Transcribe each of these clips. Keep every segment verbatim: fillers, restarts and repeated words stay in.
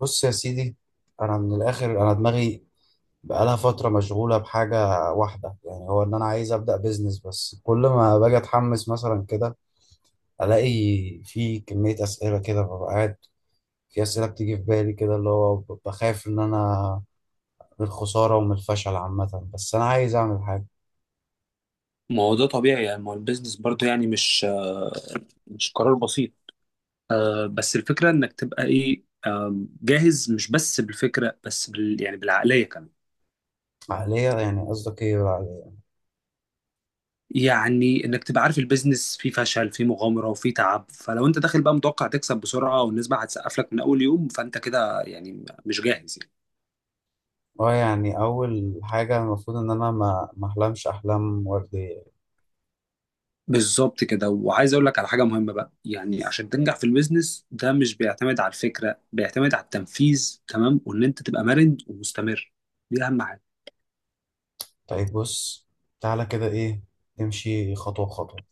بص يا سيدي، انا من الاخر انا دماغي بقالها فتره مشغوله بحاجه واحده. يعني هو ان انا عايز ابدا بيزنس، بس كل ما باجي اتحمس مثلا كده الاقي في كميه اسئله كده، ببقى قاعد في اسئله بتيجي في بالي كده اللي هو ب- بخاف ان انا من الخساره ومن الفشل عامه، بس انا عايز اعمل حاجه. ما هو ده طبيعي، يعني ما هو البيزنس برضه يعني مش آه، مش قرار بسيط. آه، بس الفكرة انك تبقى ايه آم، جاهز، مش بس بالفكرة بس بال يعني بالعقلية كمان. عقليه؟ يعني قصدك ايه بالعقليه؟ يعني انك تبقى عارف البيزنس فيه فشل فيه مغامرة وفيه تعب، فلو انت داخل بقى متوقع تكسب بسرعة والنسبة هتسقف لك من اول يوم فانت كده يعني مش جاهز يعني. اه، يعني اول حاجه المفروض ان انا ما ما احلمش احلام ورديه. بالظبط كده، وعايز اقول لك على حاجة مهمة بقى، يعني عشان تنجح في البيزنس ده مش بيعتمد على الفكرة، بيعتمد على التنفيذ، تمام، وان انت تبقى مرن ومستمر. دي اهم حاجة. طيب بص، تعالى كده، ايه، نمشي خطوه خطوه.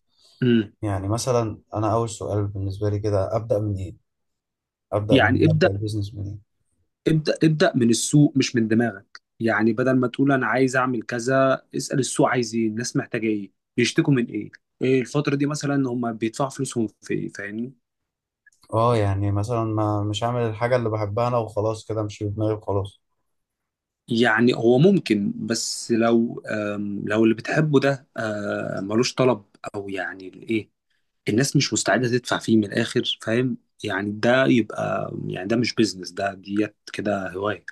مم. يعني مثلا انا اول سؤال بالنسبه لي كده، ابدا منين؟ ابدا من يعني إيه؟ ابدأ ابدا البيزنس منين؟ ابدأ ابدأ من السوق مش من دماغك، يعني بدل ما تقول أنا عايز أعمل كذا اسأل السوق عايز إيه، الناس محتاجة إيه، بيشتكوا من إيه، إيه الفترة دي مثلا هم بيدفعوا فلوسهم في إيه، فاهمني؟ اه، يعني مثلا ما مش هعمل الحاجه اللي بحبها انا وخلاص، كده مش في دماغي وخلاص؟ يعني هو ممكن، بس لو آم، لو اللي بتحبه ده آه، ملوش طلب، أو يعني الإيه، الناس مش مستعدة تدفع فيه من الآخر، فاهم؟ يعني ده يبقى يعني ده مش بيزنس، ده ديت كده هواية.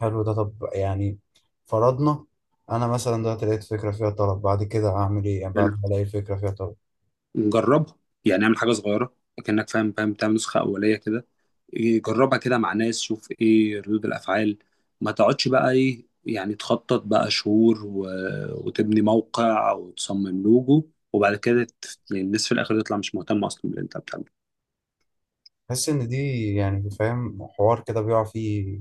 حلو ده. طب يعني فرضنا انا مثلا دلوقتي لقيت فكره فيها طلب، بعد كده اعمل ايه؟ يعني بعد ما الاقي فكره فيها طلب. جربها، يعني اعمل حاجه صغيره، كانك فاهم فاهم تعمل نسخه اوليه كده. إيه، جربها كده مع ناس، شوف ايه ردود الافعال. ما تقعدش بقى ايه يعني تخطط بقى شهور و... وتبني موقع وتصمم لوجو وبعد كده ت- يعني الناس في الاخر تطلع مش مهتمه اصلا باللي انت بتعمله. بحس ان دي يعني فاهم حوار كده بيقع فيه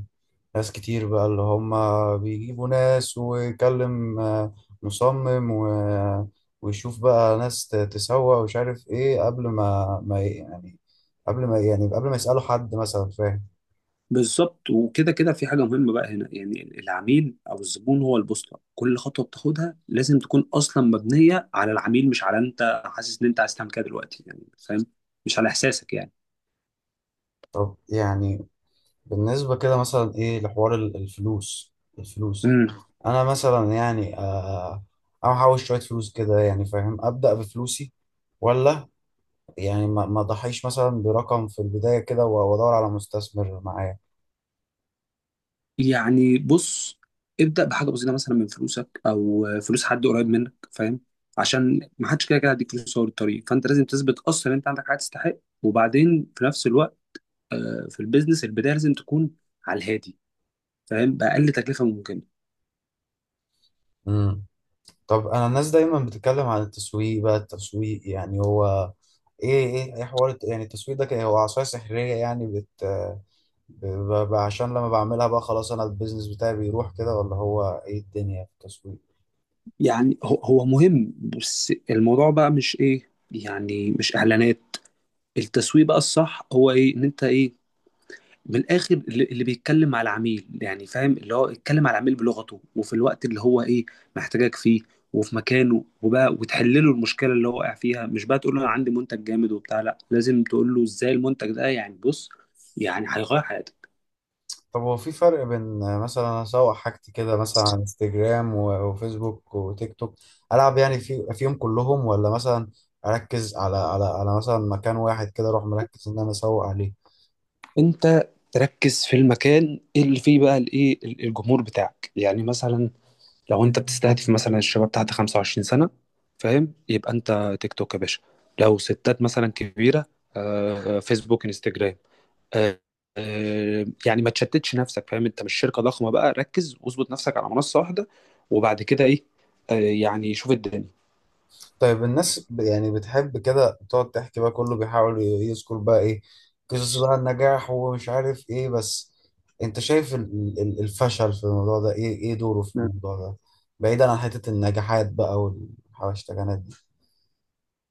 ناس كتير، بقى اللي هم بيجيبوا ناس ويكلم آه، مصمم و- ويشوف بقى ناس ت- تسوق ومش عارف ايه، قبل ما ما ي- يعني قبل ما يعني قبل ما يسألوا حد مثلا، فاهم؟ بالظبط، وكده كده في حاجه مهمه بقى هنا، يعني العميل او الزبون هو البوصله، كل خطوه بتاخدها لازم تكون اصلا مبنيه على العميل، مش على انت حاسس ان انت عايز تعمل كده دلوقتي، يعني فاهم؟ مش على احساسك. طب يعني بالنسبة كده مثلا ايه لحوار ال- الفلوس؟ الفلوس، يعني انا مثلا يعني آه، احوش شوية فلوس كده، يعني فاهم، أبدأ بفلوسي ولا يعني ما ما ضحيش مثلا برقم في البداية كده و- وادور على مستثمر معايا؟ يعني بص، ابدأ بحاجة بسيطة مثلا من فلوسك أو فلوس حد قريب منك، فاهم؟ عشان ما حدش كده كده هيديك فلوس أول الطريق، فأنت لازم تثبت أصلا إن أنت عندك حاجة تستحق. وبعدين في نفس الوقت في البيزنس البداية لازم تكون على الهادي، فاهم؟ بأقل تكلفة ممكنة. امم. طب انا، الناس دايما بتتكلم عن التسويق، بقى التسويق يعني هو ايه؟ ايه ايه حوار الت- يعني التسويق ده؟ كان هو عصاية سحرية يعني بت ب- ب- عشان لما بعملها بقى خلاص انا البيزنس بتاعي بيروح كده، ولا هو ايه الدنيا في التسويق؟ يعني هو هو مهم، بس الموضوع بقى مش إيه يعني مش إعلانات. التسويق بقى الصح هو إيه إن أنت إيه، من الاخر اللي اللي بيتكلم على العميل، يعني فاهم اللي هو يتكلم على العميل بلغته، وفي الوقت اللي هو ايه محتاجك فيه، وفي مكانه، وبقى وتحل له المشكله اللي هو واقع فيها. مش بقى تقول له انا عندي منتج جامد وبتاع، لا لازم تقول له ازاي المنتج ده، يعني بص، يعني هيغير حياتك. طب هو في فرق بين آه، مثلا اسوق حاجتي كده مثلا على انستجرام و- وفيسبوك وتيك توك، العب يعني في فيهم كلهم، ولا مثلا اركز على على على مثلا مكان واحد كده، اروح مركز ان انا اسوق عليه؟ انت تركز في المكان اللي فيه بقى الايه، ال- الجمهور بتاعك. يعني مثلا لو انت بتستهدف مثلا الشباب تحت خمسة وعشرين سنة، فاهم؟ يبقى انت تيك توك يا باشا. لو ستات مثلا كبيرة، آه، آه، فيسبوك انستجرام. آه، آه، يعني ما تشتتش نفسك، فاهم؟ انت مش شركة ضخمة بقى، ركز واظبط نفسك على منصة واحدة، وبعد كده ايه، آه، يعني شوف الدنيا. طيب الناس ب- يعني بتحب كده تقعد تحكي بقى، كله بيحاول ي- يذكر بقى ايه، قصص بقى النجاح ومش عارف ايه، بس انت شايف ال- ال- الفشل في الموضوع ده ايه؟ ايه دوره في مم. الموضوع ده بعيدا عن حتة النجاحات بقى والحواشتجانات دي؟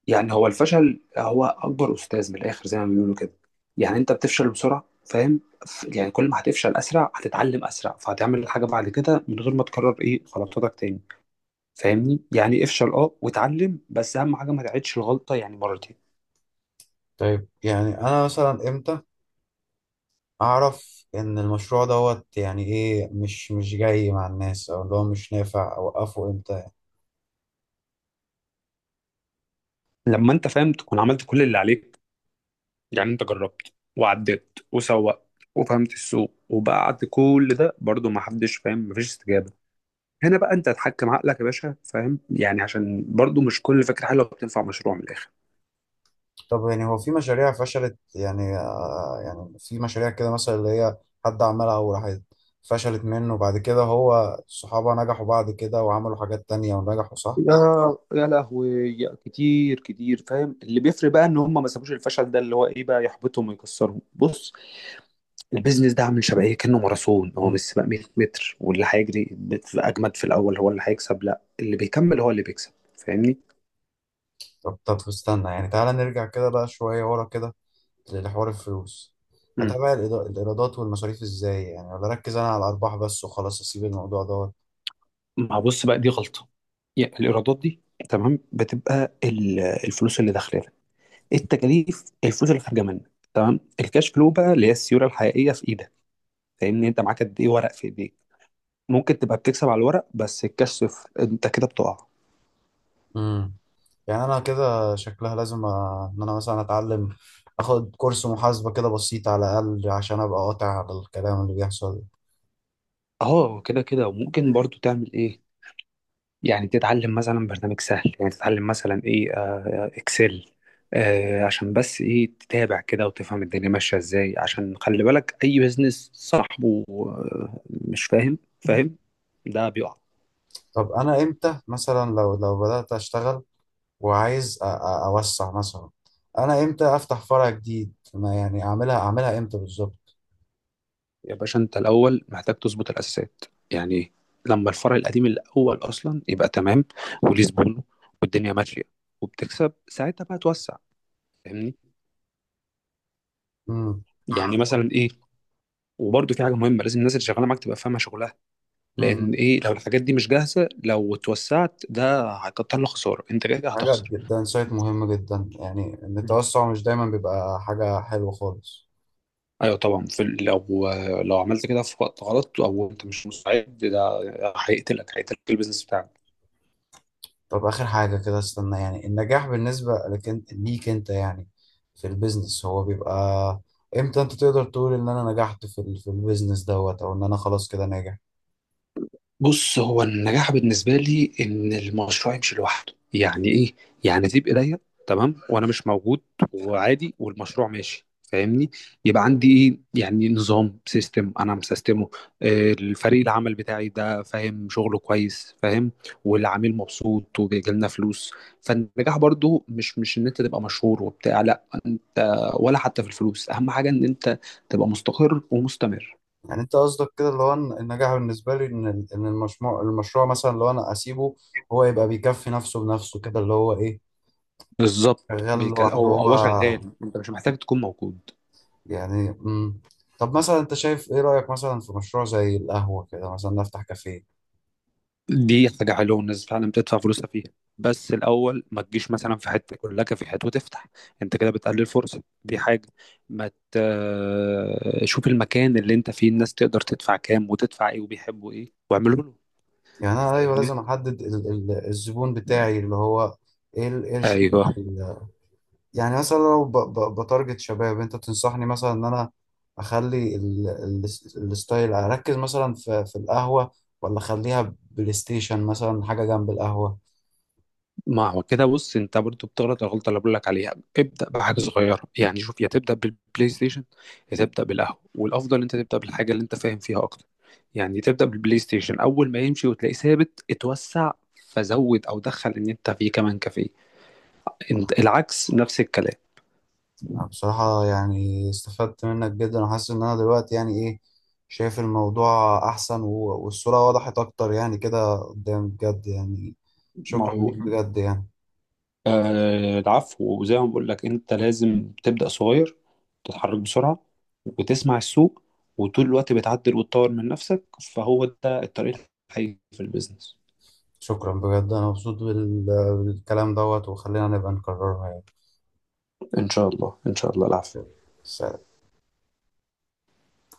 يعني هو الفشل هو اكبر استاذ من الاخر، زي ما بيقولوا كده. يعني انت بتفشل بسرعة، فاهم؟ ف- يعني كل ما هتفشل اسرع هتتعلم اسرع، فهتعمل الحاجة بعد كده من غير ما تكرر ايه غلطاتك تاني. فاهمني؟ يعني افشل اه واتعلم، بس اهم حاجة ما تعيدش الغلطة يعني مرتين. طيب يعني انا مثلا امتى اعرف ان المشروع دوت يعني ايه، مش مش جاي مع الناس او اللي هو مش نافع؟ اوقفه امتى يعني؟ لما انت فاهم تكون عملت كل اللي عليك، يعني انت جربت وعديت وسوقت وفهمت السوق، وبعد كل ده برضو ما حدش فاهم، مفيش استجابة، هنا بقى انت هتحكم عقلك يا باشا، فاهم؟ يعني عشان برضو مش كل فكرة حلوة بتنفع مشروع من الآخر. طب يعني هو في مشاريع فشلت، يعني آه يعني في مشاريع كده مثلا اللي هي حد عملها وراحت فشلت منه، وبعد كده هو صحابه نجحوا بعد كده وعملوا حاجات تانية ونجحوا، صح؟ يا يا لهوي، يا كتير كتير، فاهم؟ اللي بيفرق بقى ان هم ما سابوش الفشل ده اللي هو ايه بقى يحبطهم ويكسرهم. بص، البيزنس ده عامل شبه ايه، كانه ماراثون، هو مش مم. سباق مئة متر واللي هيجري بت- اجمد في الاول هو اللي هيكسب، لا اللي بيكمل هو اللي بيكسب. فاهمني؟ طب طب استنى يعني، تعالى نرجع كده بقى شوية ورا كده لحوار الفلوس. أتابع الإيرادات والمصاريف إزاي يعني، ولا أركز أنا على الأرباح بس وخلاص أسيب الموضوع ده؟ ما بص بقى، دي غلطة. يعني الإيرادات دي تمام، بتبقى ال- الفلوس اللي داخلة لك، التكاليف الفلوس اللي خارجة منك، تمام، الكاش فلو بقى اللي هي السيولة الحقيقية في إيدك، فاهمني؟ أنت معاك قد إيه ورق في إيديك. ممكن تبقى بتكسب على الورق بس الكاش صفر، أنت كده بتقع. امم. يعني انا كده شكلها لازم أ- ان انا مثلا اتعلم، اخد كورس محاسبة كده بسيط على الاقل عشان ابقى قاطع على الكلام اللي بيحصل ده. أه كده كده، وممكن برضو تعمل إيه، يعني تتعلم مثلا برنامج سهل، يعني تتعلم مثلا ايه آه، اكسل، آه، عشان بس ايه تتابع كده وتفهم الدنيا ماشيه ازاي، عشان خلي بالك اي بزنس صاحبه آه، مش فاهم فاهم ده بيقع. طب انا امتى مثلا، لو لو بدأت اشتغل وعايز أ- أ- اوسع مثلا، انا امتى افتح فرع جديد؟ ما يعني اعملها اعملها امتى بالظبط؟ يا باشا انت الاول محتاج تظبط الاساسات. يعني لما الفرع القديم الاول اصلا يبقى تمام وليه زبونه والدنيا ماشيه وبتكسب، ساعتها بقى توسع، فاهمني؟ امم. يعني مثلا ايه، وبرده في حاجه مهمه، لازم الناس اللي شغاله معاك تبقى فاهمه شغلها، لان امم ايه لو الحاجات دي مش جاهزه لو اتوسعت ده هيكتر لك خساره، انت كده كده حاجة هتخسر. جدا سايت، مهم جدا يعني ان مم. التوسع مش دايما بيبقى حاجة حلوة خالص. ايوه طبعا، في ال- لو لو عملت كده في وقت غلط او انت مش مستعد، ده هيقتلك هيقتلك البيزنس بتاعك. طب آخر حاجة كده استنى، يعني النجاح بالنسبة لك انت، ليك انت يعني في البيزنس، هو بيبقى امتى؟ انت تقدر تقول ان انا نجحت في ال- في البيزنس دوت، او ان انا خلاص كده ناجح؟ بص، هو النجاح بالنسبة لي إن المشروع يمشي لوحده. يعني إيه؟ يعني تبقى إيديا تمام وأنا مش موجود وعادي والمشروع ماشي، فاهمني؟ يبقى عندي إيه؟ يعني نظام سيستم أنا مسيستمه، آه، الفريق العمل بتاعي ده فاهم شغله كويس، فاهم؟ والعميل مبسوط وبيجيلنا فلوس. فالنجاح برضو مش مش إن أنت تبقى مشهور وبتاع، لا أنت ولا حتى في الفلوس. أهم حاجة إن أنت تبقى مستقر ومستمر. يعني انت قصدك كده اللي هو إن النجاح بالنسبة لي ان ال- ان المشروع المشروع مثلا لو انا اسيبه هو يبقى بيكفي نفسه بنفسه كده، اللي هو ايه، بالظبط، شغال بيك- لوحده هو هو؟ هو شغال، انت مش محتاج تكون موجود. يعني مم. طب مثلا انت شايف ايه، رأيك مثلا في مشروع زي القهوة كده، مثلا نفتح كافيه؟ دي حاجه حلوه والناس فعلا بتدفع فلوسها فيها، بس الاول ما تجيش مثلا في حته يقول لك في حته وتفتح، انت كده بتقلل فرصه. دي حاجه. ما ت... شوف المكان اللي انت فيه الناس تقدر تدفع كام وتدفع ايه وبيحبوا ايه، واعمله له، يعني انا، ايوه، فاهمني؟ لازم احدد ال- ال- الزبون بتاعي اللي هو ايه، ال- ايه الشريحه ايوه. ال- يعني مثلا لو ب- ب- بتارجت شباب، انت تنصحني مثلا ان انا اخلي ال- ال- الستايل، اركز مثلا في في القهوه، ولا اخليها بلاي ستيشن مثلا حاجه جنب القهوه؟ ما هو كده بص انت برضو بتغلط الغلطه اللي بقول لك عليها. ابدا بحاجه صغيره، يعني شوف، يا تبدا بالبلاي ستيشن يا تبدا بالقهوه، والافضل انت تبدا بالحاجه اللي انت فاهم فيها اكتر. يعني تبدا بالبلاي ستيشن، اول ما يمشي وتلاقيه ثابت اتوسع، فزود او دخل ان انت فيه كمان كافيه. انت- العكس نفس الكلام. أنا بصراحه يعني استفدت منك جدا، وحاسس ان انا دلوقتي يعني ايه، شايف الموضوع احسن و- والصوره وضحت اكتر يعني كده قدام، بجد يعني ما شكرا ليك هو بجد يعني. آه العفو، وزي ما بقول لك انت لازم تبدأ صغير، تتحرك بسرعة، وتسمع السوق، وطول الوقت بتعدل وتطور من نفسك. فهو ده الطريق الحقيقي في البيزنس. شكرا بجد، انا مبسوط بال- بالكلام دوت، وخلينا نبقى نكررها يعني. ان شاء الله، ان شاء الله، العفو. بس.